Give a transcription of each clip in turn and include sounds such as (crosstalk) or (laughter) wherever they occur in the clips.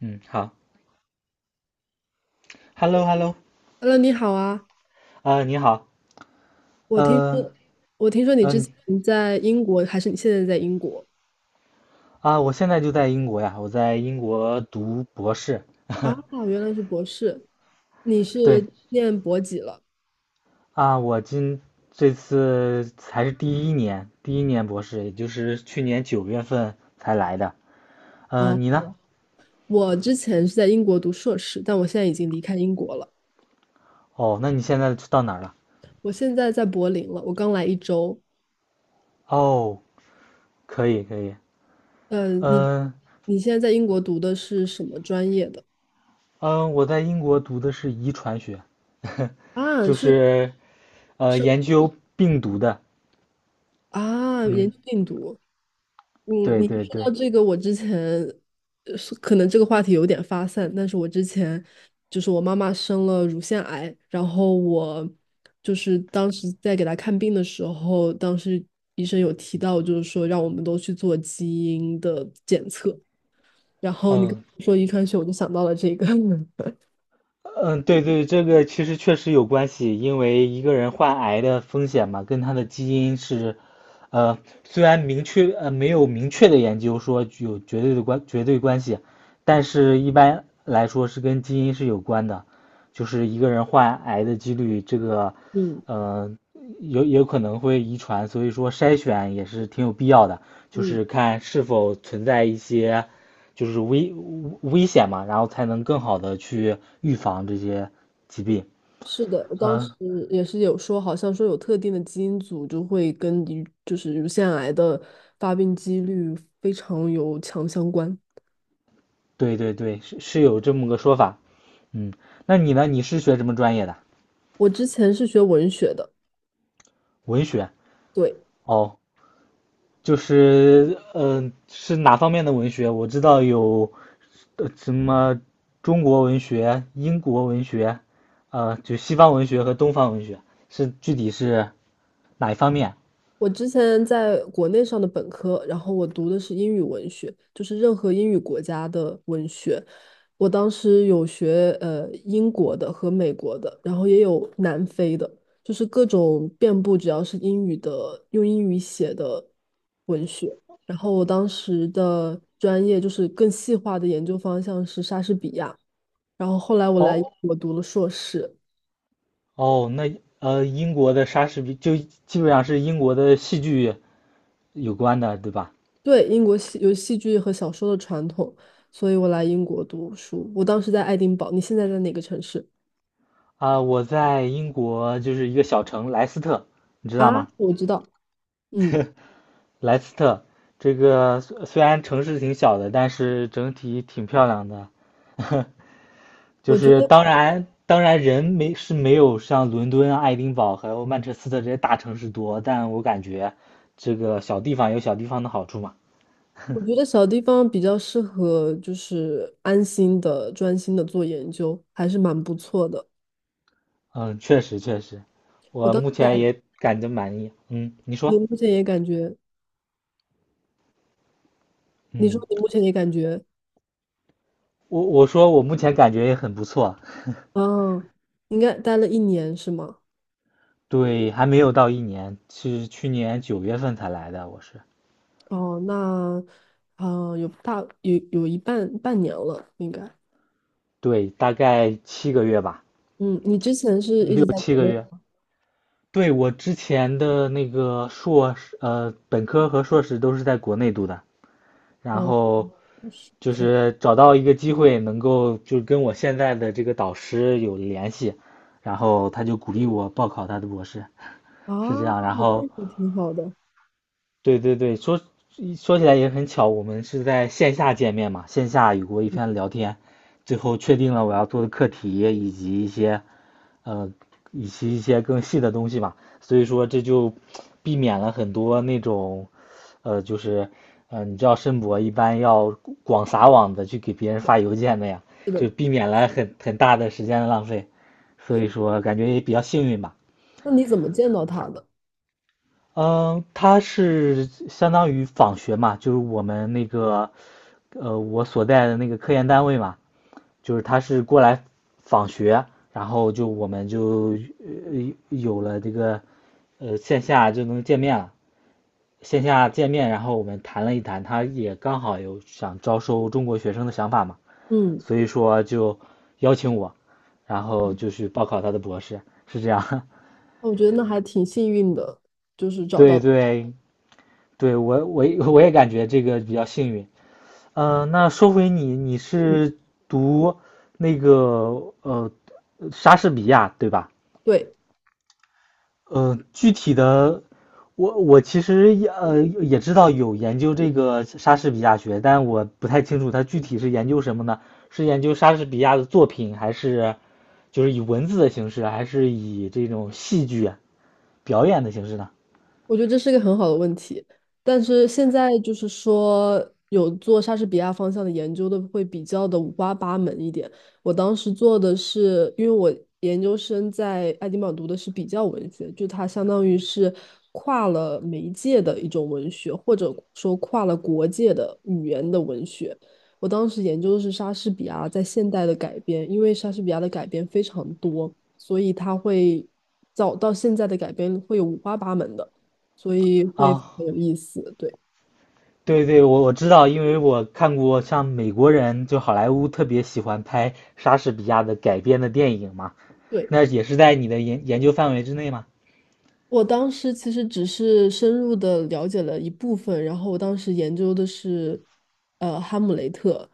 嗯，好，Hello,Hello,Hello，你好啊！你好。我听呃，说，我听说你之嗯，前在英国，还是你现在在英国我现在就在英国呀，我在英国读博士。(laughs) 啊？原来是博士，你对。是念博几了？啊，我今这次才是第一年，第一年博士，也就是去年九月份才来的。啊？你呢？我之前是在英国读硕士，但我现在已经离开英国了，哦，那你现在到哪儿了？我现在在柏林了，我刚来一周。哦，可以，可以。嗯、你嗯、你现在在英国读的是什么专业的？嗯、我在英国读的是遗传学，(laughs) 啊，就是是生研究病毒的。啊，研嗯，究病毒。嗯，对你对说对。到这个，我之前呃是可能这个话题有点发散，但是我之前就是我妈妈生了乳腺癌，然后我就是当时在给她看病的时候，当时医生有提到，就是说让我们都去做基因的检测，然后你跟嗯，我说遗传学，我就想到了这个，(laughs) 嗯，对对，这个其实确实有关系，因为一个人患癌的风险嘛，跟他的基因是，呃，虽然明确没有明确的研究说具有绝对的绝对关系，但是一般来说是跟基因是有关的，就是一个人患癌的几率，这个，嗯呃，有可能会遗传，所以说筛选也是挺有必要的，就嗯。是看是否存在一些就是危危险嘛，然后才能更好的去预防这些疾病。是的，我当时嗯，也是有说，好像说有特定的基因组就会跟乳就是乳腺癌的发病几率非常有强相关。对对对，是是有这么个说法。嗯，那你呢？你是学什么专业的？我之前是学文学的，文学。对，哦，是哪方面的文学？我知道有呃什么中国文学、英国文学，呃，就西方文学和东方文学，是具体是哪一方面？我之前在国内上的本科，然后我读的是英语文学，就是任何英语国家的文学。我当时有学英国的和美国的，然后也有南非的，就是各种遍布，只要是英语的，用英语写的文学。然后我当时的专业就是更细化的研究方向是莎士比亚，然后后来我来哦我读了硕士。哦，那呃，英国的莎士比就基本上是英国的戏剧有关的，对吧？对，英国有戏剧和小说的传统，所以我来英国读书。我当时在爱丁堡，你现在在哪个城市啊，我在英国就是一个小城莱斯特，你知道啊？吗？我知道，嗯，莱斯特这个虽然城市挺小的，但是整体挺漂亮的。(laughs) 就我觉是得当然，当然人没是没有像伦敦啊爱丁堡还有曼彻斯特这些大城市多，但我感觉这个小地方有小地方的好处嘛。我觉得小地方比较适合，就是安心的、专心的做研究，还是蛮不错的。嗯，确实确实，我我当时目在前爱，也感觉满意。嗯，你你说，目前也感觉，你说嗯，你目前也感觉，我说我目前感觉也很不错。嗯，应该待了一年是吗？对，还没有到一年，是去年九月份才来的，我是。哦，那，啊，有大有有一半半年了，应该。对，大概七个月吧，嗯，你之前是一六直在七国个内。月。对，我之前的那个硕士，本科和硕士都是在国内读的，然嗯。后就可以是找到一个机会能够就跟我现在的这个导师有联系，然后他就鼓励我报考他的博士。啊，是这样。然后，这个挺好的。对对对，说起来也很巧，我们是在线下见面嘛，线下有过一番聊天，最后确定了我要做的课题以及一些，呃，以及一些更细的东西嘛，所以说这就避免了很多那种，呃，就是，你知道申博一般要广撒网的去给别人发邮件的呀，是的，就避免了很大的时间的浪费，所以说感觉也比较幸运吧。那你怎么见到他的？嗯，他是相当于访学嘛，就是我们那个，呃，我所在的那个科研单位嘛，就是他是过来访学，然后我们就线下就能见面了，线下见面，然后我们谈了一谈，他也刚好有想招收中国学生的想法嘛，嗯，所以说就邀请我，然后就去报考他的博士，是这样。我觉得那还挺幸运的，就是 (laughs) 找对到，对对，我也感觉这个比较幸运。呃，那说回你，你是读那个呃莎士比亚对吧？对，呃，具体的，我其实也知道有研究这个莎士比亚学，但我不太清楚它具体是研究什么呢？是研究莎士比亚的作品，还是就是以文字的形式，还是以这种戏剧表演的形式呢？我觉得这是一个很好的问题，但是现在就是说有做莎士比亚方向的研究的会比较的五花八门一点。我当时做的是，因为我研究生在爱丁堡读的是比较文学，就它相当于是跨了媒介的一种文学，或者说跨了国界的语言的文学。我当时研究的是莎士比亚在现代的改编，因为莎士比亚的改编非常多，所以它会早到现在的改编会有五花八门的。所以会啊，很有意思。对对对，我知道，因为我看过像美国人，就好莱坞特别喜欢拍莎士比亚的改编的电影嘛，对，那也是在你的研究范围之内嘛。我当时其实只是深入的了解了一部分，然后我当时研究的是，哈姆雷特，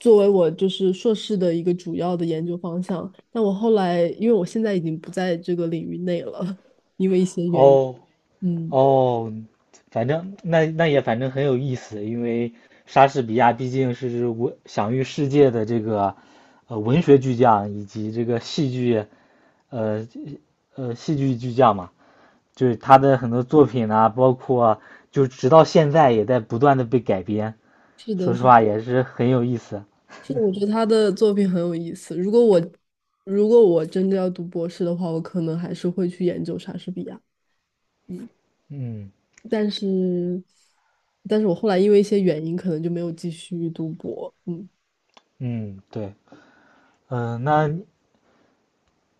作为我就是硕士的一个主要的研究方向。但我后来，因为我现在已经不在这个领域内了，(laughs) 因为一些原因，哦嗯，哦，反正那那也反正很有意思，因为莎士比亚毕竟是我享誉世界的这个文学巨匠以及这个戏剧呃戏剧巨匠嘛，就是他的很多作品啊，包括就直到现在也在不断的被改编。是的，说实是话的，也是很有意思。是的我觉得他的作品很有意思。如果我真的要读博士的话，我可能还是会去研究莎士比亚。嗯但是，但是我后来因为一些原因，可能就没有继续读博。嗯，嗯，对，嗯，那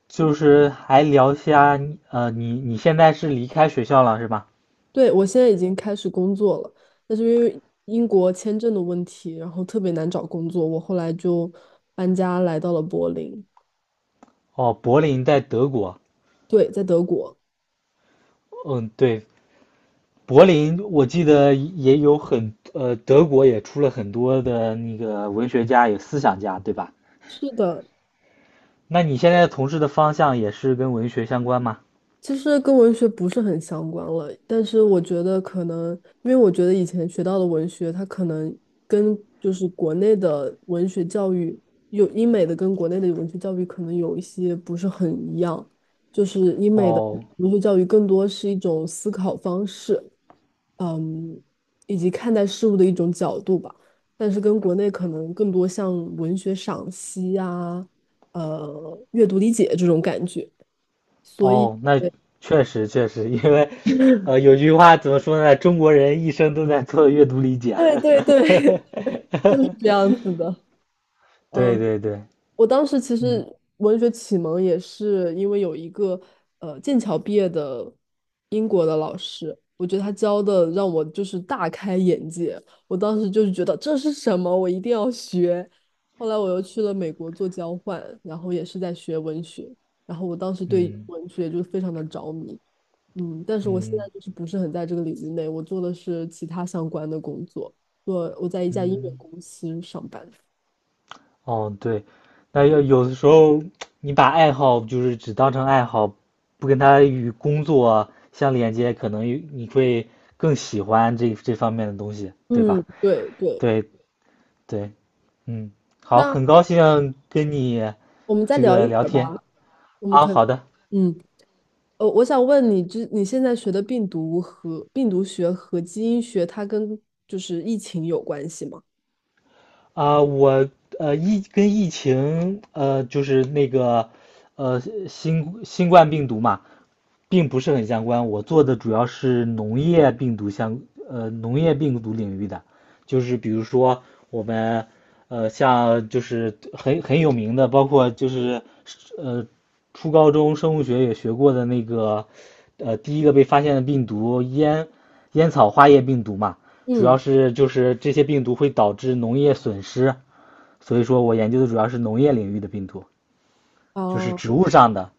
就是还聊一下呃，你现在是离开学校了是吧？对，我现在已经开始工作了，但是因为英国签证的问题，然后特别难找工作，我后来就搬家来到了柏林。哦，柏林在德国。对，在德国。嗯，对，柏林我记得也有很，呃，德国也出了很多的那个文学家，有思想家，对吧？是的，那你现在从事的方向也是跟文学相关吗？其实跟文学不是很相关了，但是我觉得可能，因为我觉得以前学到的文学，它可能跟就是国内的文学教育，有英美的跟国内的文学教育可能有一些不是很一样，就是英美的哦，文学教育更多是一种思考方式，嗯，以及看待事物的一种角度吧，但是跟国内可能更多像文学赏析啊，阅读理解这种感觉。所以。哦，那确实确实，因为，呃，有句话怎么说呢？中国人一生都在做阅读理 (laughs) 解。对对 (laughs) 对，(laughs) 就是这样子的。对嗯，对对，我当时其嗯实文学启蒙也是因为有一个剑桥毕业的英国的老师，我觉得他教的让我就是大开眼界。我当时就是觉得这是什么，我一定要学。后来我又去了美国做交换，然后也是在学文学，然后我当时对嗯文学就非常的着迷。嗯，但是我现在嗯就是不是很在这个领域内，我做的是其他相关的工作，做我在一家音乐嗯，公司上班。哦对，那要有的时候你把爱好就是只当成爱好，不跟它与工作相连接，可能你会更喜欢这方面的东西，对嗯，吧？对对。对对，嗯，好，那很高兴跟你我们再这聊一个会聊儿吧，天。我们啊，可好的。嗯，我想问你，之你现在学的病毒和病毒学和基因学，它跟就是疫情有关系吗？啊，我疫情就是那个呃新冠病毒嘛，并不是很相关。我做的主要是农业病毒领域的，就是比如说我们，呃，像就是很有名的，包括就是呃，初高中生物学也学过的那个，呃，第一个被发现的病毒烟烟草花叶病毒嘛，主要嗯，是就是这些病毒会导致农业损失，所以说我研究的主要是农业领域的病毒，就是哦植物上的，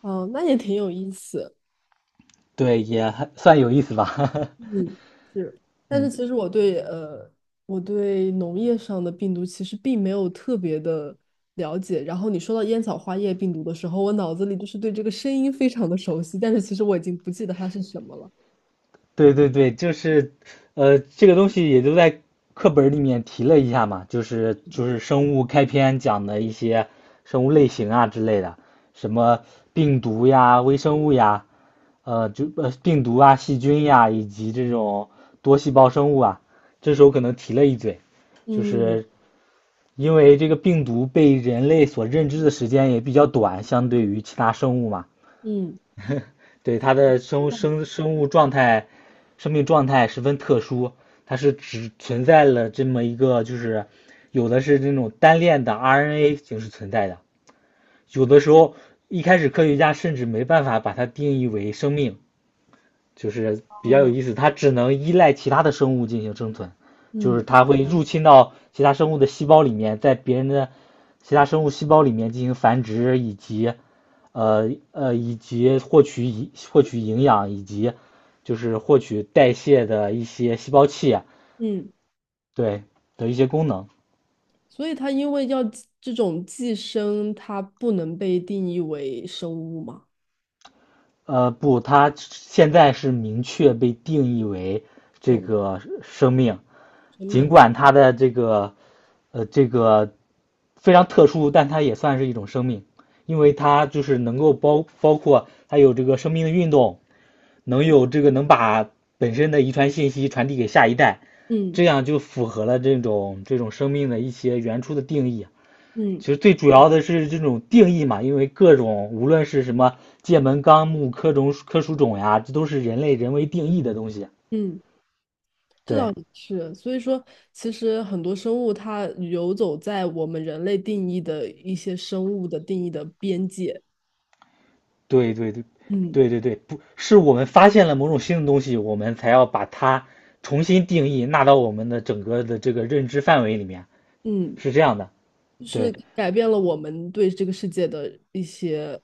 哦，那也挺有意思。对，也还算有意思吧。嗯，是，(laughs) 但是嗯。其实我对我对农业上的病毒其实并没有特别的了解。然后你说到烟草花叶病毒的时候，我脑子里就是对这个声音非常的熟悉，但是其实我已经不记得它是什么了。对对对，就是，呃，这个东西也就在课本儿里面提了一下嘛，就是生物开篇讲的一些生物类型啊之类的，什么病毒呀、微生物呀，病毒啊、细菌呀，以及这种多细胞生物啊，这时候可能提了一嘴，就嗯是因为这个病毒被人类所认知的时间也比较短，相对于其他生物嘛。嗯对，它的生物状态、生命状态十分特殊，它是只存在了这么一个，就是有的是那种单链的 RNA 形式存在的，有的时候一开始科学家甚至没办法把它定义为生命，就是比较有啊意思，它只能依赖其他的生物进行生存，就是嗯它会入侵到其他生物的细胞里面，在别人的其他生物细胞里面进行繁殖，以获取营养，以及就是获取代谢的一些细胞器啊嗯，对的一些功能。所以它因为要寄这种寄生，它不能被定义为生物嘛，呃，不，它现在是明确被定义为这这种个生命，生尽命。管它的这个非常特殊，但它也算是一种生命，因为它就是能够包括它有这个生命的运动，能有这个能把本身的遗传信息传递给下一代，嗯这样就符合了这种生命的一些原初的定义啊。嗯其实最主要的是这种定义嘛，因为各种无论是什么界门纲目科属种呀，这都是人类人为定义的东西。嗯。这倒对，也是，所以说，其实很多生物它游走在我们人类定义的一些生物的定义的边界，对对对，嗯对对对，不是我们发现了某种新的东西，我们才要把它重新定义，纳到我们的整个的这个认知范围里面，嗯，是这样的。就是对改变了我们对这个世界的一些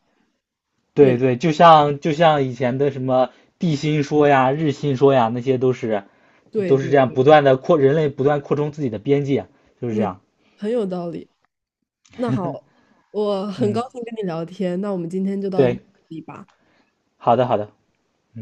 对认，对，就像就像以前的什么地心说呀、日心说呀，那些都是对都是对这样对，不断的扩，人类不断扩充自己的边界，就是这嗯，样。很有道理。那好，我很高嗯，兴跟你聊天，那我们今天就到这对，里吧。好的好的，嗯。